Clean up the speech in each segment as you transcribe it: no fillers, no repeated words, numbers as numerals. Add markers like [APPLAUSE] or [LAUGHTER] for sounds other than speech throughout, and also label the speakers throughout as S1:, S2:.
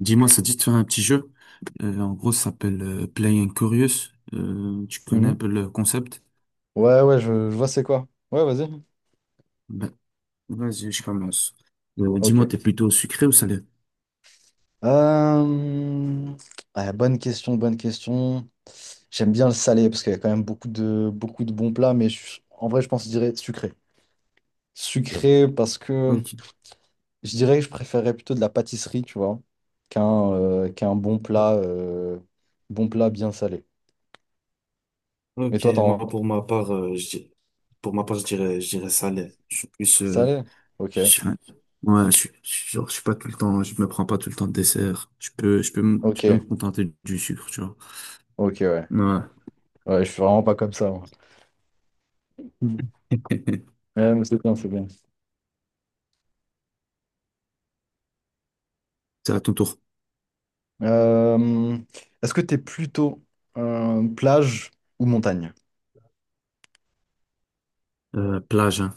S1: Dis-moi, ça te dit de faire un petit jeu. En gros, ça s'appelle Play and Curious. Tu connais un
S2: Mhm.
S1: peu le concept?
S2: Ouais, ouais, je vois c'est quoi. Ouais, vas-y.
S1: Ben, vas-y, je commence. Dis-moi,
S2: Ok.
S1: t'es plutôt sucré ou salé?
S2: Euh, ouais, bonne question, bonne question. J'aime bien le salé parce qu'il y a quand même beaucoup de bons plats, mais en vrai, je pense que je dirais sucré. Sucré parce que
S1: Ok.
S2: je dirais que je préférerais plutôt de la pâtisserie, tu vois, qu'un bon plat bien salé. Et
S1: Ok,
S2: toi, t'en
S1: moi pour ma part, pour ma part, je dirais salé. Je suis plus,
S2: salé? Ok,
S1: je suis un- ouais, je suis genre, je suis pas tout le temps. Je me prends pas tout le temps de dessert. Je peux, je peux, me- je
S2: ok,
S1: peux me contenter du sucre, tu vois.
S2: ok, ouais.
S1: Ouais.
S2: Ouais, je suis vraiment pas comme ça, moi. Mhm.
S1: [LAUGHS]
S2: Ouais, mais c'est bien, c'est bien.
S1: C'est à ton tour.
S2: Euh, Est-ce que t'es plutôt plage ou montagne?
S1: Plage, hein.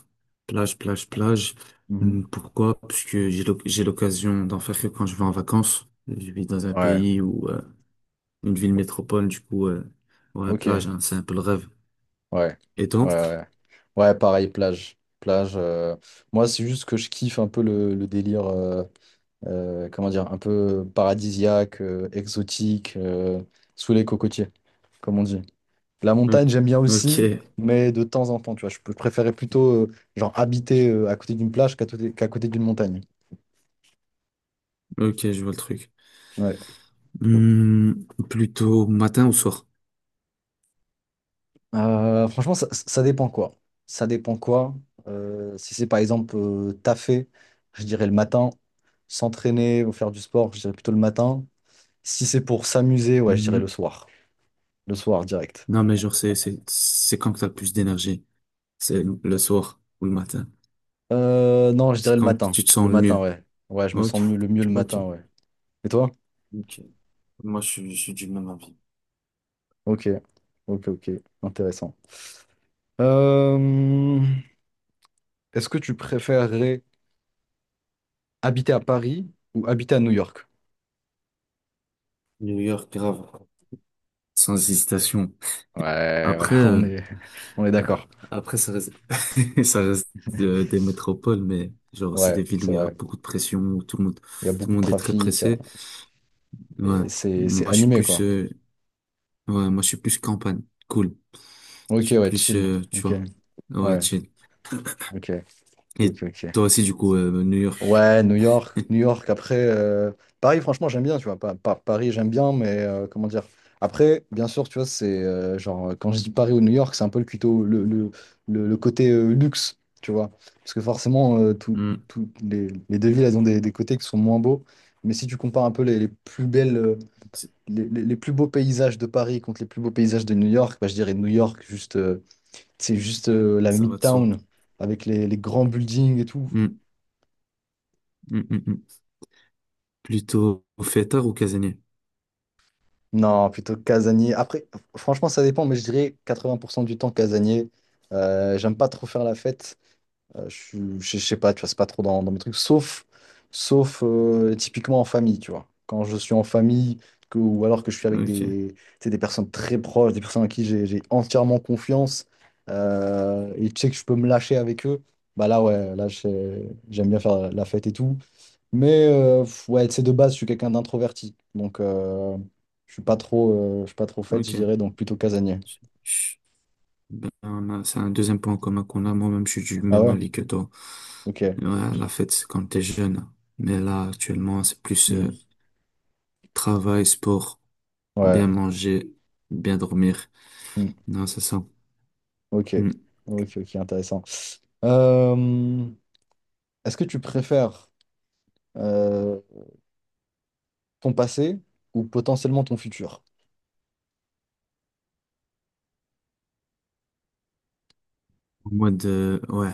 S1: Plage, plage, plage.
S2: Mhm.
S1: Pourquoi? Parce que j'ai l'occasion d'en faire que quand je vais en vacances. Je vis dans un
S2: Ouais,
S1: pays ou une ville métropole, du coup, ouais,
S2: ok,
S1: plage,
S2: ouais,
S1: hein, c'est un peu le rêve.
S2: ouais,
S1: Et toi?
S2: ouais. Ouais, pareil, plage. Plage. Moi, c'est juste que je kiffe un peu le délire, comment dire, un peu paradisiaque, exotique, sous les cocotiers, comme on dit. La
S1: Ok,
S2: montagne, j'aime bien
S1: ok,
S2: aussi, mais de temps en temps, tu vois. Je préférais plutôt, genre, habiter à côté d'une plage qu'à côté d'une montagne.
S1: ok, je vois le truc.
S2: Ouais.
S1: Plutôt matin ou soir?
S2: Franchement, ça dépend quoi. Ça dépend quoi. Si c'est par exemple taffer, je dirais le matin. S'entraîner ou faire du sport, je dirais plutôt le matin. Si c'est pour s'amuser, ouais, je dirais le
S1: Hum,
S2: soir. Le soir, direct.
S1: Non, mais genre, c'est quand que t'as le plus d'énergie? C'est le soir ou le matin?
S2: Non, je dirais
S1: C'est
S2: le
S1: quand que
S2: matin.
S1: tu te sens
S2: Le
S1: le
S2: matin,
S1: mieux?
S2: ouais. Ouais, je me
S1: Ok,
S2: sens mieux le
S1: ok,
S2: matin, ouais. Et toi?
S1: ok. Moi, je suis du même avis.
S2: Ok. Ok, ok. Intéressant. Euh, Est-ce que tu préférerais habiter à Paris ou habiter à New York?
S1: New York, grave. Sans hésitation.
S2: Ouais,
S1: Après,
S2: [LAUGHS] on est, on est d'accord.
S1: ça reste, [LAUGHS] ça reste des métropoles, mais genre c'est des
S2: Ouais,
S1: villes où
S2: c'est
S1: il y a
S2: vrai.
S1: beaucoup de pression, où
S2: Il y a
S1: tout
S2: beaucoup
S1: le
S2: de
S1: monde est très
S2: trafic.
S1: pressé. Ouais.
S2: Et c'est
S1: Moi je suis
S2: animé,
S1: plus,
S2: quoi.
S1: euh, ouais, moi je suis plus campagne. Cool. Je
S2: Ok,
S1: suis
S2: ouais,
S1: plus,
S2: chill.
S1: tu
S2: Ok,
S1: vois, ouais,
S2: ouais,
S1: chill.
S2: ok,
S1: Et
S2: ok, ok.
S1: toi aussi du coup, New York.
S2: Ouais, New York, New
S1: [LAUGHS]
S2: York. Après, Paris, franchement, j'aime bien, tu vois. Paris, j'aime bien, mais comment dire? Après, bien sûr, tu vois, c'est genre, quand je dis Paris ou New York, c'est un peu le, cuto- le côté luxe, tu vois. Parce que forcément,
S1: Hmm.
S2: toutes les deux villes, elles ont des côtés qui sont moins beaux. Mais si tu compares un peu les plus belles. euh,
S1: C'est-
S2: les, les- les plus beaux paysages de Paris contre les plus beaux paysages de New York, bah, je dirais New York, juste, c'est juste la
S1: Ça va de soi.
S2: Midtown avec les grands buildings et tout.
S1: Hmm. Hmm, hmm, hmm. Plutôt fêtard ou casanier?
S2: Non, plutôt casanier. Après, franchement, ça dépend, mais je dirais 80% du temps casanier. J'aime pas trop faire la fête. Je sais pas, tu vois, c'est pas trop dans mes trucs, sauf typiquement en famille, tu vois. Quand je suis en famille, ou alors que je suis avec
S1: Ok,
S2: des, tu sais, des personnes très proches, des personnes à qui j'ai entièrement confiance, et tu sais que je peux me lâcher avec eux, bah là, ouais, là, j'aime bien faire la fête et tout. Mais ouais, tu sais, de base, je suis quelqu'un d'introverti, donc je suis pas trop fête, je
S1: ok.
S2: dirais, donc plutôt casanier.
S1: Ben, ben, c'est un deuxième point commun qu'on a. Moi-même, je suis du
S2: Ah
S1: même
S2: ouais?
S1: avis que toi.
S2: Ok.
S1: Ouais, la fête, c'est quand t'es jeune. Mais là, actuellement, c'est plus
S2: Hmm.
S1: travail, sport, bien
S2: Ouais.
S1: manger, bien dormir.
S2: Hmm.
S1: Non, c'est ça.
S2: Ok.
S1: Hmm.
S2: Ok, ok, intéressant. Euh, Est-ce que tu préfères euh, ton passé ou potentiellement ton futur?
S1: En mode, ouais,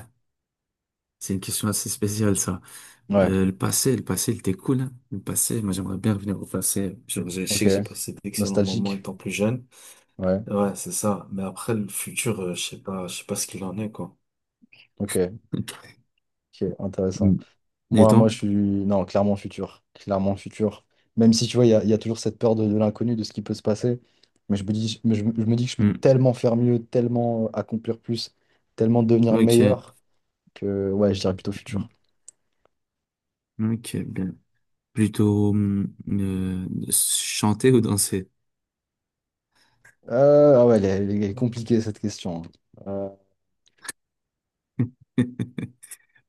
S1: c'est une question assez spéciale, ça.
S2: Ouais,
S1: Le passé, le passé, il était cool, hein. Le passé, moi, j'aimerais bien revenir au passé. Genre, je
S2: ok.
S1: sais que j'ai passé d'excellents moments
S2: Nostalgique?
S1: étant plus jeune.
S2: Ouais,
S1: Ouais, c'est ça. Mais après, le futur, je sais pas ce qu'il en est, quoi.
S2: ok, ok, intéressant.
S1: Hmm. Et
S2: Moi,
S1: toi?
S2: je suis... Non, clairement futur. Clairement futur. Même si, tu vois, il y a toujours cette peur de l'inconnu, de ce qui peut se passer. Mais je me dis, mais je me dis que je peux tellement faire mieux, tellement accomplir plus, tellement devenir
S1: Ok.
S2: meilleur que, ouais, je dirais plutôt futur.
S1: Mm. Ok, bien. Plutôt chanter ou danser?
S2: Ah ouais, elle est
S1: [LAUGHS]
S2: compliquée, cette question. Hein.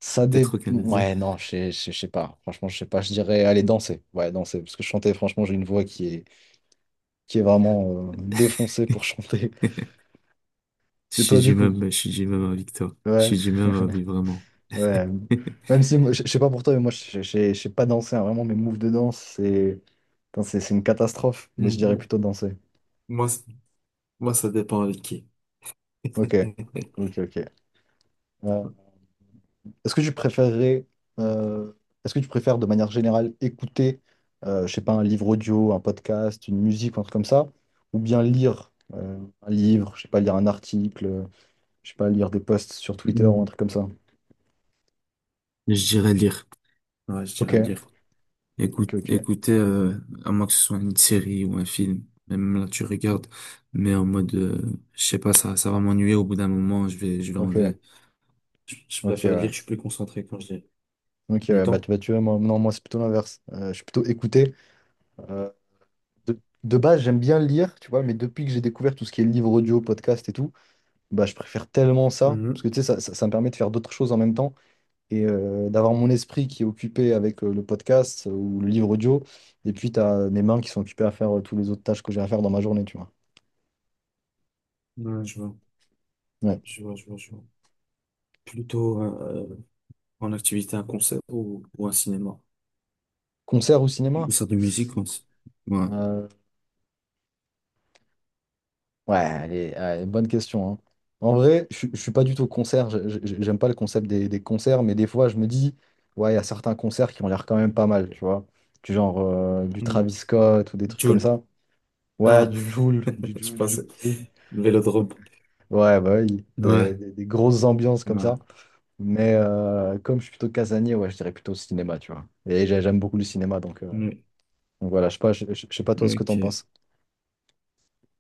S1: Peut-être aucun des deux.
S2: Ouais, non, je sais pas. Franchement, je sais pas. Je dirais aller danser. Ouais, danser. Parce que chanter, franchement, j'ai une voix qui est vraiment défoncée pour [LAUGHS]
S1: [LAUGHS]
S2: chanter.
S1: Je
S2: Et toi,
S1: suis
S2: du
S1: du
S2: coup?
S1: même, je suis du même avis que toi. Je
S2: Ouais.
S1: suis du même
S2: [LAUGHS]
S1: avis, vraiment.
S2: Ouais. Même
S1: [LAUGHS]
S2: si, moi, je sais pas pour toi, mais moi, je sais pas danser. Hein. Vraiment, mes moves de danse, c'est c'est une catastrophe. Mais je dirais
S1: Mm,
S2: plutôt danser.
S1: Moi, c- moi, ça dépend avec qui.
S2: Ok. Ok,
S1: [LAUGHS]
S2: ok. Ouais. Est-ce que tu préférerais, euh, Est-ce que tu préfères de manière générale écouter, je sais pas, un livre audio, un podcast, une musique, un truc comme ça, ou bien lire un livre, je sais pas, lire un article, je sais pas, lire des posts sur Twitter ou un
S1: Mm.
S2: truc comme ça.
S1: Je dirais lire. [LAUGHS] Ouais, je
S2: Ok,
S1: dirais lire.
S2: ok,
S1: Écoute,
S2: ok,
S1: écoutez, à moins que ce soit une série ou un film, même là tu regardes, mais en mode, je sais pas, ça va m'ennuyer au bout d'un moment, je vais
S2: ok,
S1: enlever. Je
S2: ok,
S1: préfère lire,
S2: ouais.
S1: je suis plus concentré quand je lis.
S2: Ok,
S1: Et
S2: ouais,
S1: toi?
S2: bah, tu vois, moi, non, moi c'est plutôt l'inverse. Je suis plutôt écouter. Euh, de, de base, j'aime bien lire, tu vois, mais depuis que j'ai découvert tout ce qui est livre audio, podcast et tout, bah, je préfère tellement ça, parce
S1: Mhm.
S2: que tu sais, ça me permet de faire d'autres choses en même temps. Et d'avoir mon esprit qui est occupé avec le podcast ou le livre audio, et puis tu as mes mains qui sont occupées à faire tous les autres tâches que j'ai à faire dans ma journée, tu vois.
S1: Ouais, je vois.
S2: Ouais.
S1: Je vois, je vois, je vois. Plutôt en activité un concert ou un cinéma.
S2: Concert ou
S1: Ou
S2: cinéma?
S1: ça de musique aussi. Ouais.
S2: Euh, ouais, allez, allez, bonne question, hein. En vrai, je ne suis pas du tout concert, j'aime pas le concept des concerts, mais des fois je me dis, ouais, il y a certains concerts qui ont l'air quand même pas mal, tu vois. Du genre du Travis
S1: Mhm.
S2: Scott ou des trucs comme
S1: Jul.
S2: ça. Ouais,
S1: Ah,
S2: du
S1: [LAUGHS]
S2: Jul, du
S1: je
S2: Jul, du
S1: pense
S2: Jul aussi.
S1: le vélodrome.
S2: Ouais, bah oui, des,
S1: Ouais,
S2: des- des grosses ambiances comme ça.
S1: ouais.
S2: Mais comme je suis plutôt casanier, ouais, je dirais plutôt cinéma, tu vois. Et j'aime beaucoup le cinéma, donc, euh,
S1: Oui,
S2: donc voilà, je sais pas, je sais pas toi ce que t'en
S1: ok.
S2: penses.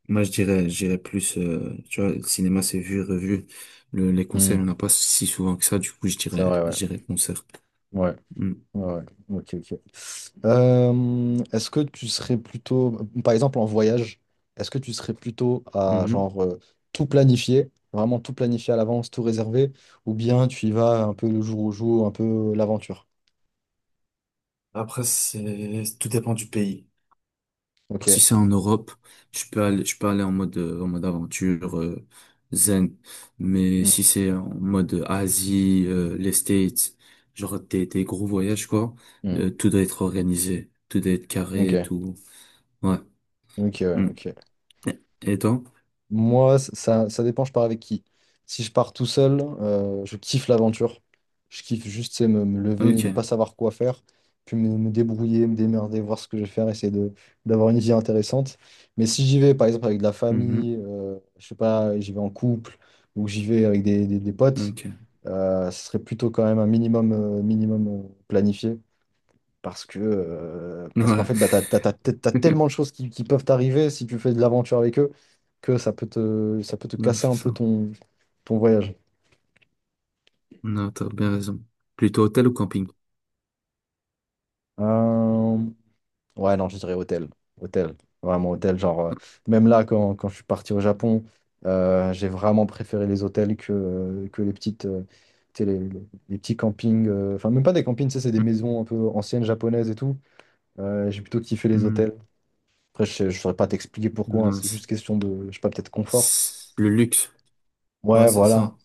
S1: Moi, je dirais plus, tu vois, le cinéma, c'est vu, revu. Les concerts,
S2: Hmm,
S1: il n'y en a pas si souvent que ça. Du coup, je
S2: c'est
S1: dirais,
S2: vrai,
S1: je
S2: ouais.
S1: dirais concert.
S2: Ouais,
S1: Mm.
S2: ouais, ouais. Ok, ok. Est-ce que tu serais plutôt, par exemple en voyage, est-ce que tu serais plutôt à
S1: Mhm.
S2: genre tout planifier, vraiment tout planifier à l'avance, tout réserver, ou bien tu y vas un peu le jour au jour, un peu l'aventure?
S1: Après, tout dépend du pays.
S2: Ok.
S1: Si c'est en Europe, je peux aller en mode aventure, zen. Mais
S2: Hmm,
S1: si c'est en mode Asie, les States, genre des gros voyages, quoi,
S2: hmm.
S1: tout doit être organisé, tout doit être
S2: Ok,
S1: carré, et tout. Ouais.
S2: ok, ouais,
S1: Mm.
S2: ok.
S1: Et et toi?
S2: Moi, ça dépend, je pars avec qui. Si je pars tout seul, je kiffe l'aventure. Je kiffe juste, c'est me lever, de
S1: Ok.
S2: pas savoir quoi faire, puis me débrouiller, me démerder, voir ce que je vais faire, essayer d'avoir une vie intéressante. Mais si j'y vais, par exemple, avec de la
S1: Mhm.
S2: famille, je sais pas, j'y vais en couple, ou j'y vais avec des potes,
S1: Ok.
S2: ce serait plutôt quand même un minimum planifié. Parce qu'en
S1: Ouais.
S2: fait, bah, t'as tellement de
S1: [LAUGHS]
S2: choses qui peuvent t'arriver si tu fais de l'aventure avec eux que ça peut te
S1: Non,
S2: casser
S1: c'est
S2: un
S1: ça.
S2: peu ton voyage.
S1: Non, t'as bien raison. Plutôt hôtel ou camping?
S2: Euh, ouais, non, je dirais hôtel. Hôtel. Vraiment hôtel. Genre, même là, quand je suis parti au Japon, j'ai vraiment préféré les hôtels que les petites, tu sais, les petits campings. Enfin, même pas des campings, tu sais, c'est des maisons un peu anciennes japonaises et tout. J'ai plutôt kiffé les
S1: Mhm.
S2: hôtels. Après, je ne saurais pas t'expliquer pourquoi, hein,
S1: Non,
S2: c'est juste question de, je sais pas, peut-être confort.
S1: Le luxe. Ouais,
S2: Ouais,
S1: c'est
S2: voilà.
S1: ça.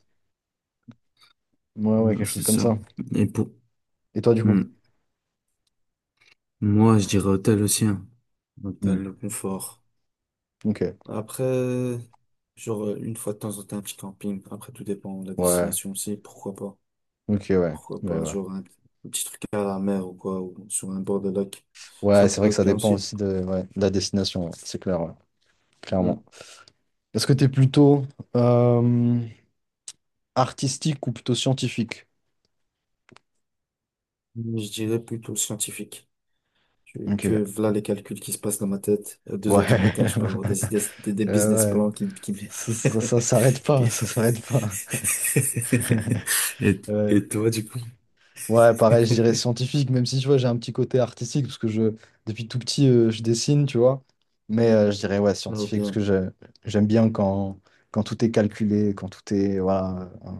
S2: Ouais, ouais,
S1: Non,
S2: quelque chose
S1: c'est
S2: comme
S1: ça.
S2: ça.
S1: Et pour...
S2: Et toi, du coup?
S1: mm. Moi, je dirais hôtel aussi, hein. Hôtel,
S2: Hmm.
S1: le confort.
S2: Ok.
S1: Après, genre, une fois de temps en temps, un petit camping. Après, tout dépend de la
S2: Ouais.
S1: destination aussi. Pourquoi pas?
S2: Ok, ouais.
S1: Pourquoi
S2: Ouais,
S1: pas?
S2: ouais.
S1: Genre, un petit truc à la mer ou quoi, ou sur un bord de lac. Ça
S2: Ouais, c'est vrai
S1: pourrait
S2: que
S1: être
S2: ça
S1: bien
S2: dépend
S1: aussi.
S2: aussi de, ouais, de la destination, ouais. C'est clair, ouais.
S1: Mm.
S2: Clairement. Est-ce que t'es plutôt euh, artistique ou plutôt scientifique?
S1: Je dirais plutôt scientifique. Que
S2: Ok.
S1: voilà les calculs qui se passent dans ma tête. À deux
S2: Ouais.
S1: heures du
S2: [LAUGHS]
S1: matin, je peux avoir des idées, des business
S2: Ouais.
S1: plans.
S2: Ça
S1: [LAUGHS]
S2: s'arrête pas,
S1: Qui-
S2: ça s'arrête pas. [LAUGHS]
S1: [LAUGHS] Et,
S2: Ouais.
S1: et toi, du coup?
S2: Ouais, pareil, je dirais scientifique, même si tu vois, j'ai un petit côté artistique, parce que depuis tout petit, je dessine, tu vois. Mais je dirais, ouais,
S1: Oh,
S2: scientifique, parce que
S1: bien.
S2: j'aime bien quand, tout est calculé, quand tout est. Voilà.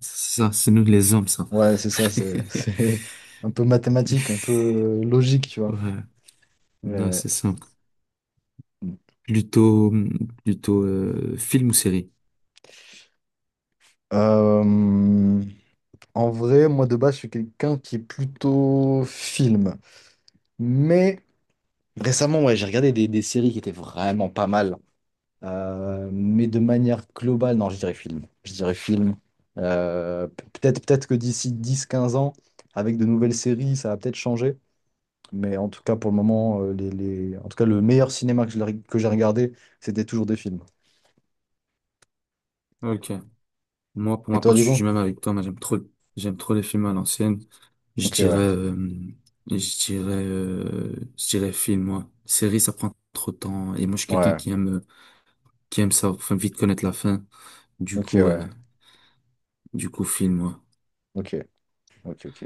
S1: C'est ça, c'est nous les hommes, ça.
S2: Ouais, c'est ça, c'est [LAUGHS]
S1: [LAUGHS]
S2: c'est un peu mathématique, un peu logique, tu vois.
S1: Ouais, non,
S2: Mais,
S1: c'est simple. Plutôt, plutôt film ou série?
S2: euh, en vrai, moi, de base, je suis quelqu'un qui est plutôt film. Mais récemment, ouais, j'ai regardé des séries qui étaient vraiment pas mal. Mais de manière globale, non, je dirais film. Je dirais film. Peut-être que d'ici 10 15 ans, avec de nouvelles séries, ça va peut-être changer. Mais en tout cas, pour le moment, le meilleur cinéma que j'ai regardé, c'était toujours des films.
S1: Ok. Moi, pour
S2: Et
S1: ma
S2: toi,
S1: part, je
S2: du
S1: suis
S2: coup?
S1: du même avec toi. Moi, j'aime trop les films à l'ancienne. Je
S2: Ok,
S1: dirais,
S2: ouais.
S1: euh, je dirais film, moi. Série, ça prend trop de temps. Et moi, je suis quelqu'un
S2: Ouais.
S1: qui aime ça, enfin, vite connaître la fin. Du
S2: Ok,
S1: coup, euh,
S2: ouais.
S1: du coup, film, moi.
S2: Ok. Ok, ok.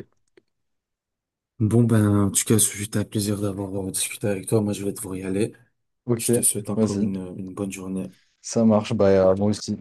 S1: Bon, ben, en tout cas, c'était un plaisir d'avoir discuté avec toi. Moi, je vais devoir y aller.
S2: Ok,
S1: Je te souhaite encore
S2: vas-y.
S1: une bonne journée.
S2: Ça marche. Bah, moi aussi.